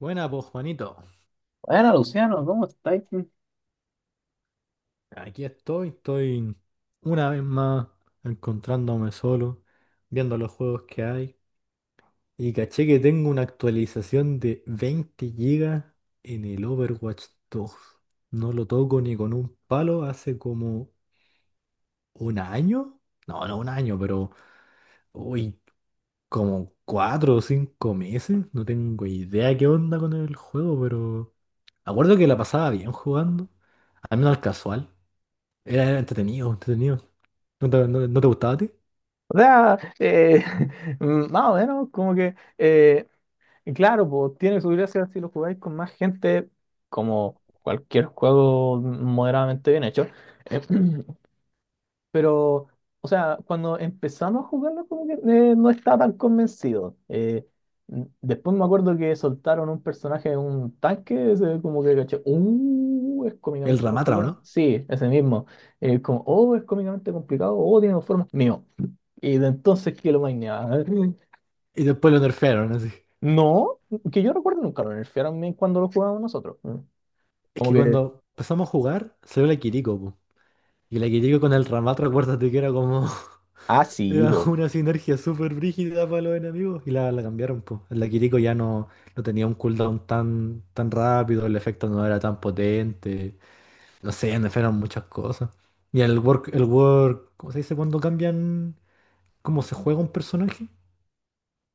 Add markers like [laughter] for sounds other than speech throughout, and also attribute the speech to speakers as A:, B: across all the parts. A: Buena, pues Juanito.
B: Bueno, Luciano, ¿cómo estáis? O
A: Aquí estoy una vez más encontrándome solo, viendo los juegos que hay. Y caché que tengo una actualización de 20 gigas en el Overwatch 2. No lo toco ni con un palo hace como un año. No, no un año, pero uy, como 4 o 5 meses. No tengo idea qué onda con el juego, pero me acuerdo que la pasaba bien jugando, al menos al casual. Era entretenido, entretenido. ¿No te gustaba a ti?
B: sea, [laughs] más o menos, y claro, pues tiene su gracia si lo jugáis con más gente, como cualquier juego moderadamente bien hecho. [clears throat] Pero, Cuando empezamos a jugarlo, como que no estaba tan convencido. Después me acuerdo que soltaron un personaje, en un tanque, ese como que caché, es
A: El
B: cómicamente
A: Ramatra, ¿o
B: complicado.
A: no?
B: Sí, ese mismo. Oh, es cómicamente complicado, oh, tiene dos formas. Mío. Y de entonces que lo maineaba.
A: Y después lo nerfearon, así.
B: No, que yo recuerdo nunca lo nerfearon ni cuando lo jugábamos nosotros. Mm.
A: Es
B: Como
A: que
B: que,
A: cuando empezamos a jugar, salió la Kiriko, po. Y la Kiriko con el Ramatra, acuérdate que era como. [laughs]
B: ah, sí,
A: Era
B: po.
A: una sinergia súper brígida para los enemigos. Y la cambiaron, po. La Kiriko ya no, no tenía un cooldown tan, tan rápido, el efecto no era tan potente. No sé, nerfearon muchas cosas. ¿Cómo se dice cuando cambian cómo se juega un personaje?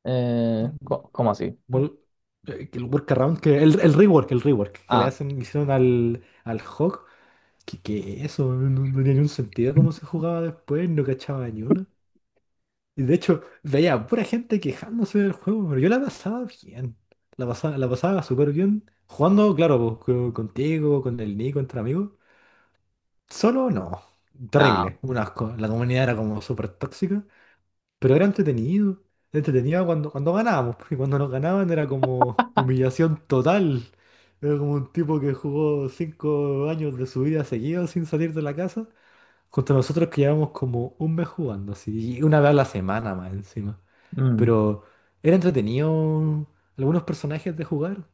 B: ¿Cómo así?
A: Wor- que el rework,
B: Ah,
A: hicieron al Hawk, que eso no tenía ningún sentido cómo se jugaba después, no cachaba ni una. Y de hecho, veía a pura gente quejándose del juego, pero yo la pasaba bien. La pasaba súper bien. Jugando, claro, pues, contigo, con el Nico, entre amigos. Solo no.
B: nada.
A: Terrible, un asco. La comunidad era como súper tóxica. Pero era entretenido. Entretenido cuando ganábamos, porque cuando nos ganaban era como humillación total. Era como un tipo que jugó 5 años de su vida seguido sin salir de la casa, contra nosotros que llevamos como un mes jugando, así, y una vez a la semana más encima. Pero era entretenido algunos personajes de jugar.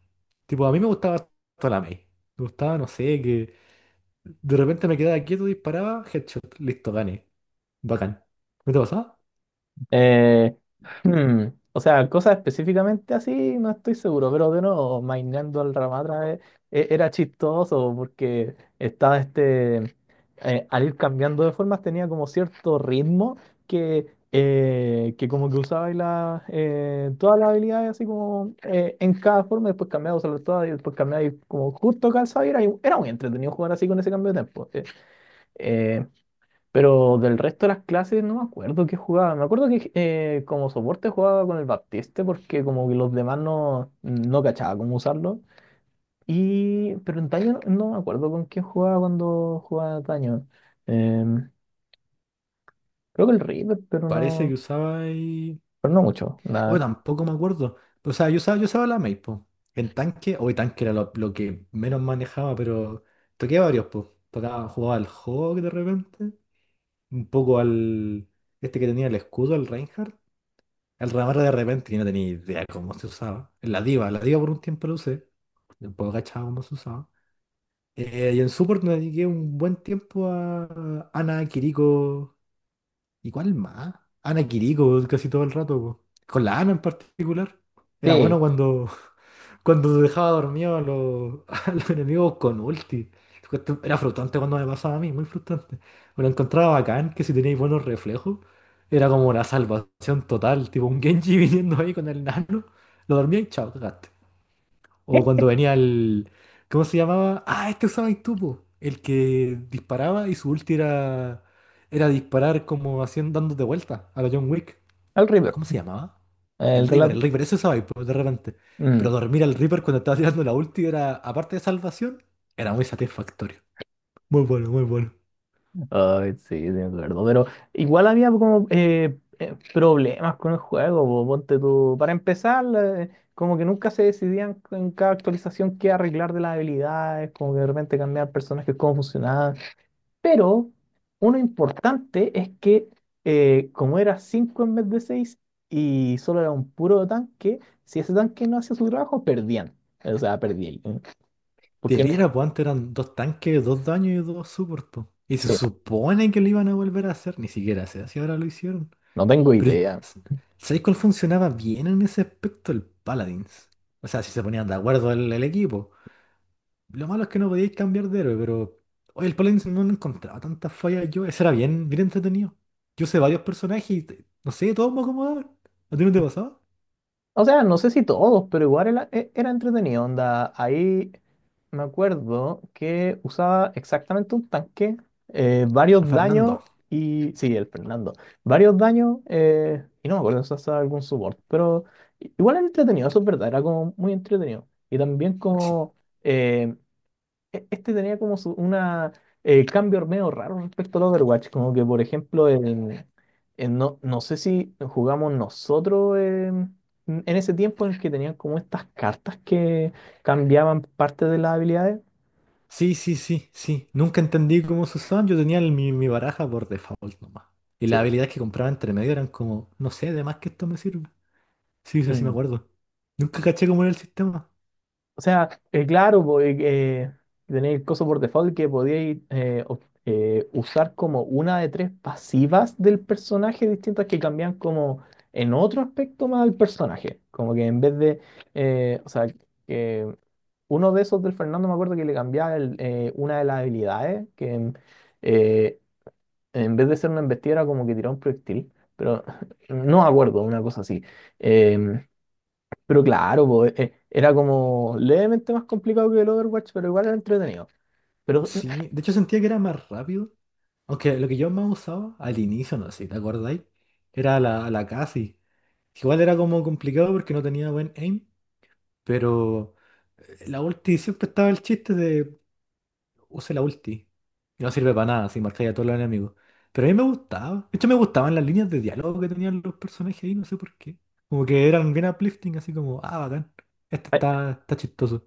A: Tipo, a mí me gustaba toda la May. Me gustaba, no sé, que de repente me quedaba quieto, disparaba, headshot, listo, gané. Bacán. ¿No te pasaba?
B: Eh, [laughs] hmm, o sea, cosas específicamente así, no estoy seguro, pero de nuevo, maineando al Ramatra, era chistoso porque estaba al ir cambiando de formas tenía como cierto ritmo que como que usaba, todas las habilidades así como, en cada forma, después cambiaba, usarlas todas y después cambiaba, y como justo calzaba y era, era muy entretenido jugar así con ese cambio de tiempo. Pero del resto de las clases no me acuerdo qué jugaba. Me acuerdo que, como soporte jugaba con el Baptiste porque como que los demás no, no cachaba cómo usarlo. Y, pero en Taño no, no me acuerdo con quién jugaba cuando jugaba Taño. Em, creo que el River,
A: Parece que usaba
B: pero no mucho.
A: Hoy
B: Nada.
A: tampoco me acuerdo. O sea, yo usaba la Mail, po. En tanque, hoy tanque era lo que menos manejaba, pero toqué varios, pues. Tocaba, jugaba al Hawk de repente. Un poco al. Este que tenía el escudo, el Reinhardt. Al Ramar de repente, que no tenía idea cómo se usaba. La Diva por un tiempo lo usé. Después cachaba cómo se usaba. Y en support me dediqué un buen tiempo a Ana Kiriko. ¿Y cuál más? Ana Quirico casi todo el rato, po. Con la Ana en particular. Era bueno
B: Sí,
A: cuando, [laughs] cuando dejaba dormido a los, [laughs] a los enemigos con ulti. Era frustrante cuando me pasaba a mí, muy frustrante. Me lo encontraba bacán, que si teníais buenos reflejos, era como la salvación total. Tipo un Genji [laughs] viniendo ahí con el nano, lo dormía y chao, cagaste. O
B: ¿eh?
A: cuando venía el. ¿Cómo se llamaba? Ah, este usabas tú, po. El que disparaba y su ulti era. Era disparar como haciendo, dándote vuelta a la John Wick.
B: El River.
A: ¿Cómo se llamaba?
B: El de la-
A: El Reaper, eso usabais, po, de repente. Pero
B: Mm.
A: dormir al Reaper cuando estaba tirando la ulti era, aparte de salvación, era muy satisfactorio. Muy bueno, muy bueno.
B: Ay, sí, sí, me acuerdo. Pero igual había como, problemas con el juego, po, ponte tú. Para empezar, como que nunca se decidían en cada actualización qué arreglar de las habilidades, como que de repente cambiar personajes, cómo funcionaban. Pero uno importante es que, como era 5 en vez de 6 y solo era un puro tanque, si ese tanque no hacía su trabajo, perdían. O sea, perdían.
A: Te
B: Porque no,
A: viera, pues antes eran dos tanques, dos daños y dos support, po. Y se
B: sí,
A: supone que lo iban a volver a hacer, ni siquiera se hace, ahora lo hicieron.
B: no tengo
A: Pero,
B: idea.
A: ¿sabéis cuál funcionaba bien en ese aspecto? El Paladins. O sea, si se ponían de acuerdo el equipo. Lo malo es que no podíais cambiar de héroe, pero. Oye, el Paladins no le encontraba tantas fallas yo. Ese era bien, bien entretenido. Yo sé varios personajes y no sé, todos me acomodaban. ¿A ti no te pasaba?
B: O sea, no sé si todos, pero igual era, era entretenido, onda. Ahí me acuerdo que usaba exactamente un tanque,
A: A
B: varios
A: Fernando.
B: daños y... sí, el Fernando. Varios daños, y no me acuerdo si usaba algún support, pero, igual era entretenido, eso es verdad, era como muy entretenido. Y también
A: Sí,
B: como... eh, este tenía como una, cambio medio raro respecto al Overwatch. Como que, por ejemplo, en no, no sé si jugamos nosotros, en ese tiempo en el que tenían como estas cartas que cambiaban parte de las habilidades.
A: sí, sí, sí, sí. Nunca entendí cómo se usaban. Yo tenía mi baraja por default nomás. Y las
B: Sí.
A: habilidades que compraba entre medio eran como, no sé, de más que esto me sirve. Sí, sí, sí me
B: Mm.
A: acuerdo. Nunca caché cómo era el sistema.
B: O sea, claro, po, tenéis el coso por default que podíais, usar como una de tres pasivas del personaje distintas que cambian como en otro aspecto más al personaje. Como que en vez de, o sea, que uno de esos del Fernando me acuerdo que le cambiaba el, una de las habilidades, que, eh, en vez de ser una embestida era como que tiraba un proyectil, pero [laughs] no me acuerdo, una cosa así. Eh, pero claro, po, era como levemente más complicado que el Overwatch, pero igual era entretenido. Pero,
A: Sí, de hecho sentía que era más rápido. Aunque lo que yo más usaba al inicio, no sé si te acordáis, era la Casi. Igual era como complicado porque no tenía buen aim, pero la ulti siempre estaba el chiste de use la ulti. Y no sirve para nada si marcáis a todos los enemigos. Pero a mí me gustaba. De hecho, me gustaban las líneas de diálogo que tenían los personajes ahí, no sé por qué. Como que eran bien uplifting, así como, ah, bacán. Este
B: ay,
A: está chistoso.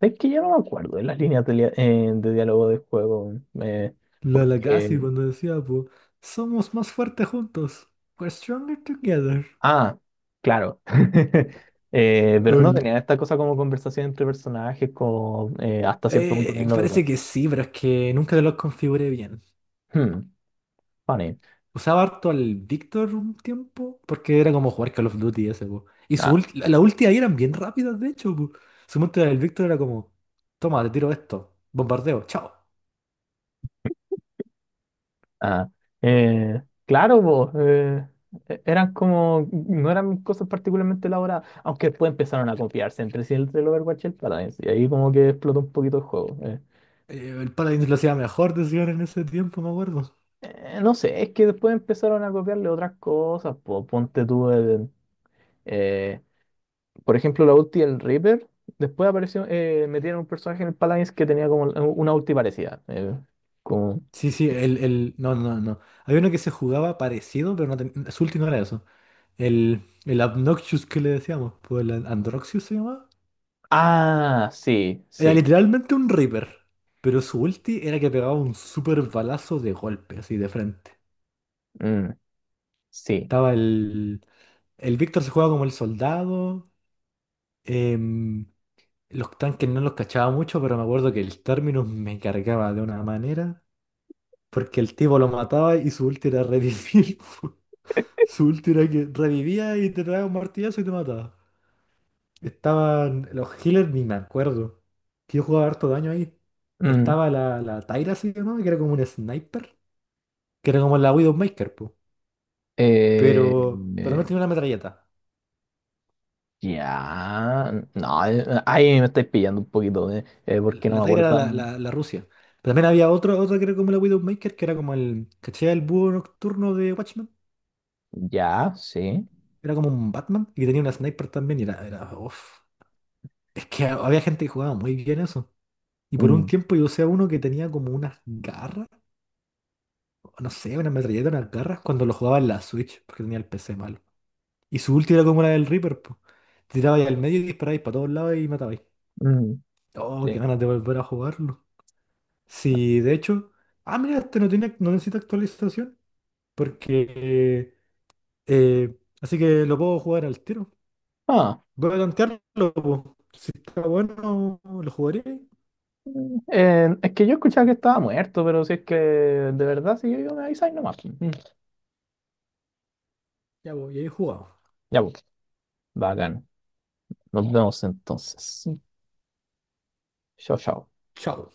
B: es que yo no me acuerdo de las líneas de, de diálogo del juego. eh,
A: La Lagasse
B: porque.
A: cuando decía, pues, somos más fuertes juntos. We're stronger together.
B: Ah, claro. [laughs] Pero no
A: Ol.
B: tenían esta cosa como conversación entre personajes, como, hasta cierto punto en
A: Eh,
B: el
A: parece
B: Overwatch.
A: que sí, pero es que nunca los configuré bien.
B: Hmm, funny.
A: Usaba harto al Victor un tiempo, porque era como jugar Call of Duty ese, po. Y su
B: Ah.
A: ulti- la la ulti ahí eran bien rápidas, de hecho, po. Su ulti del Victor era como, toma, te tiro esto, bombardeo, chao.
B: Ah, eh, claro, po, eran como, no eran cosas particularmente elaboradas, aunque después empezaron a copiarse entre sí entre el Overwatch y el Paradise, y ahí como que explotó un poquito el juego.
A: El Paladin lo hacía mejor, decían en ese tiempo, me acuerdo.
B: No sé, es que después empezaron a copiarle otras cosas, po, ponte tú el, eh, por ejemplo, la ulti del Reaper, después apareció, metieron un personaje en el Paladins que tenía como una ulti parecida, como...
A: Sí, sí. No, no, no. Había uno que se jugaba parecido, pero su ulti no era eso. El Obnoxious que le decíamos, pues el Androxius se llamaba.
B: ah, sí,
A: Era
B: sí,
A: literalmente un Reaper, pero su ulti era que pegaba un super balazo de golpe, así de frente.
B: mm, sí.
A: Estaba el. El Víctor se jugaba como el soldado. em, los tanques no los cachaba mucho, pero me acuerdo que el Terminus me cargaba de una manera. Porque el tipo lo mataba y su ulti era revivir. [laughs] Su ulti era que revivía y te traía un martillazo y te mataba. Estaban los healers, ni me acuerdo. Que yo jugaba harto daño ahí.
B: Mm,
A: Estaba la Tyra, ¿sí o no? Que era como un sniper. Que era como la Widowmaker, po. Pero, pero también
B: mm.
A: tenía una metralleta.
B: Ya, no, ahí me estáis pillando un poquito, porque no
A: La
B: me
A: Tyra era
B: acuerdo.
A: la,
B: Mm.
A: la, la Rusia. Pero también había otro que era como la Widowmaker, que era como el. ¿Cachai? El búho nocturno de Watchmen.
B: Ya, sí.
A: Era como un Batman. Y tenía una sniper también. Y era uf. Es que había gente que jugaba muy bien eso. Y por un
B: Mm,
A: tiempo yo usé a uno que tenía como unas garras. O no sé, una metralleta, unas garras, cuando lo jugaba en la Switch, porque tenía el PC malo. Y su ulti era como la del Reaper, pues. Tirabais al medio y disparabais para todos lados y matabais.
B: mm,
A: Oh, qué
B: sí.
A: ganas de volver a jugarlo. Sí, de hecho. Ah, mira, este no tiene, no necesita actualización. Porque. Así que lo puedo jugar al tiro.
B: Ah,
A: Voy a tantearlo, po. Si está bueno, lo jugaré.
B: es que yo escuchaba que estaba muerto, pero si es que de verdad, si yo digo, me avisáis nomás. Mm.
A: Ya, voy, y ahí jugado.
B: Ya, pues, bacán. Nos vemos entonces. Chao, chao.
A: Chao.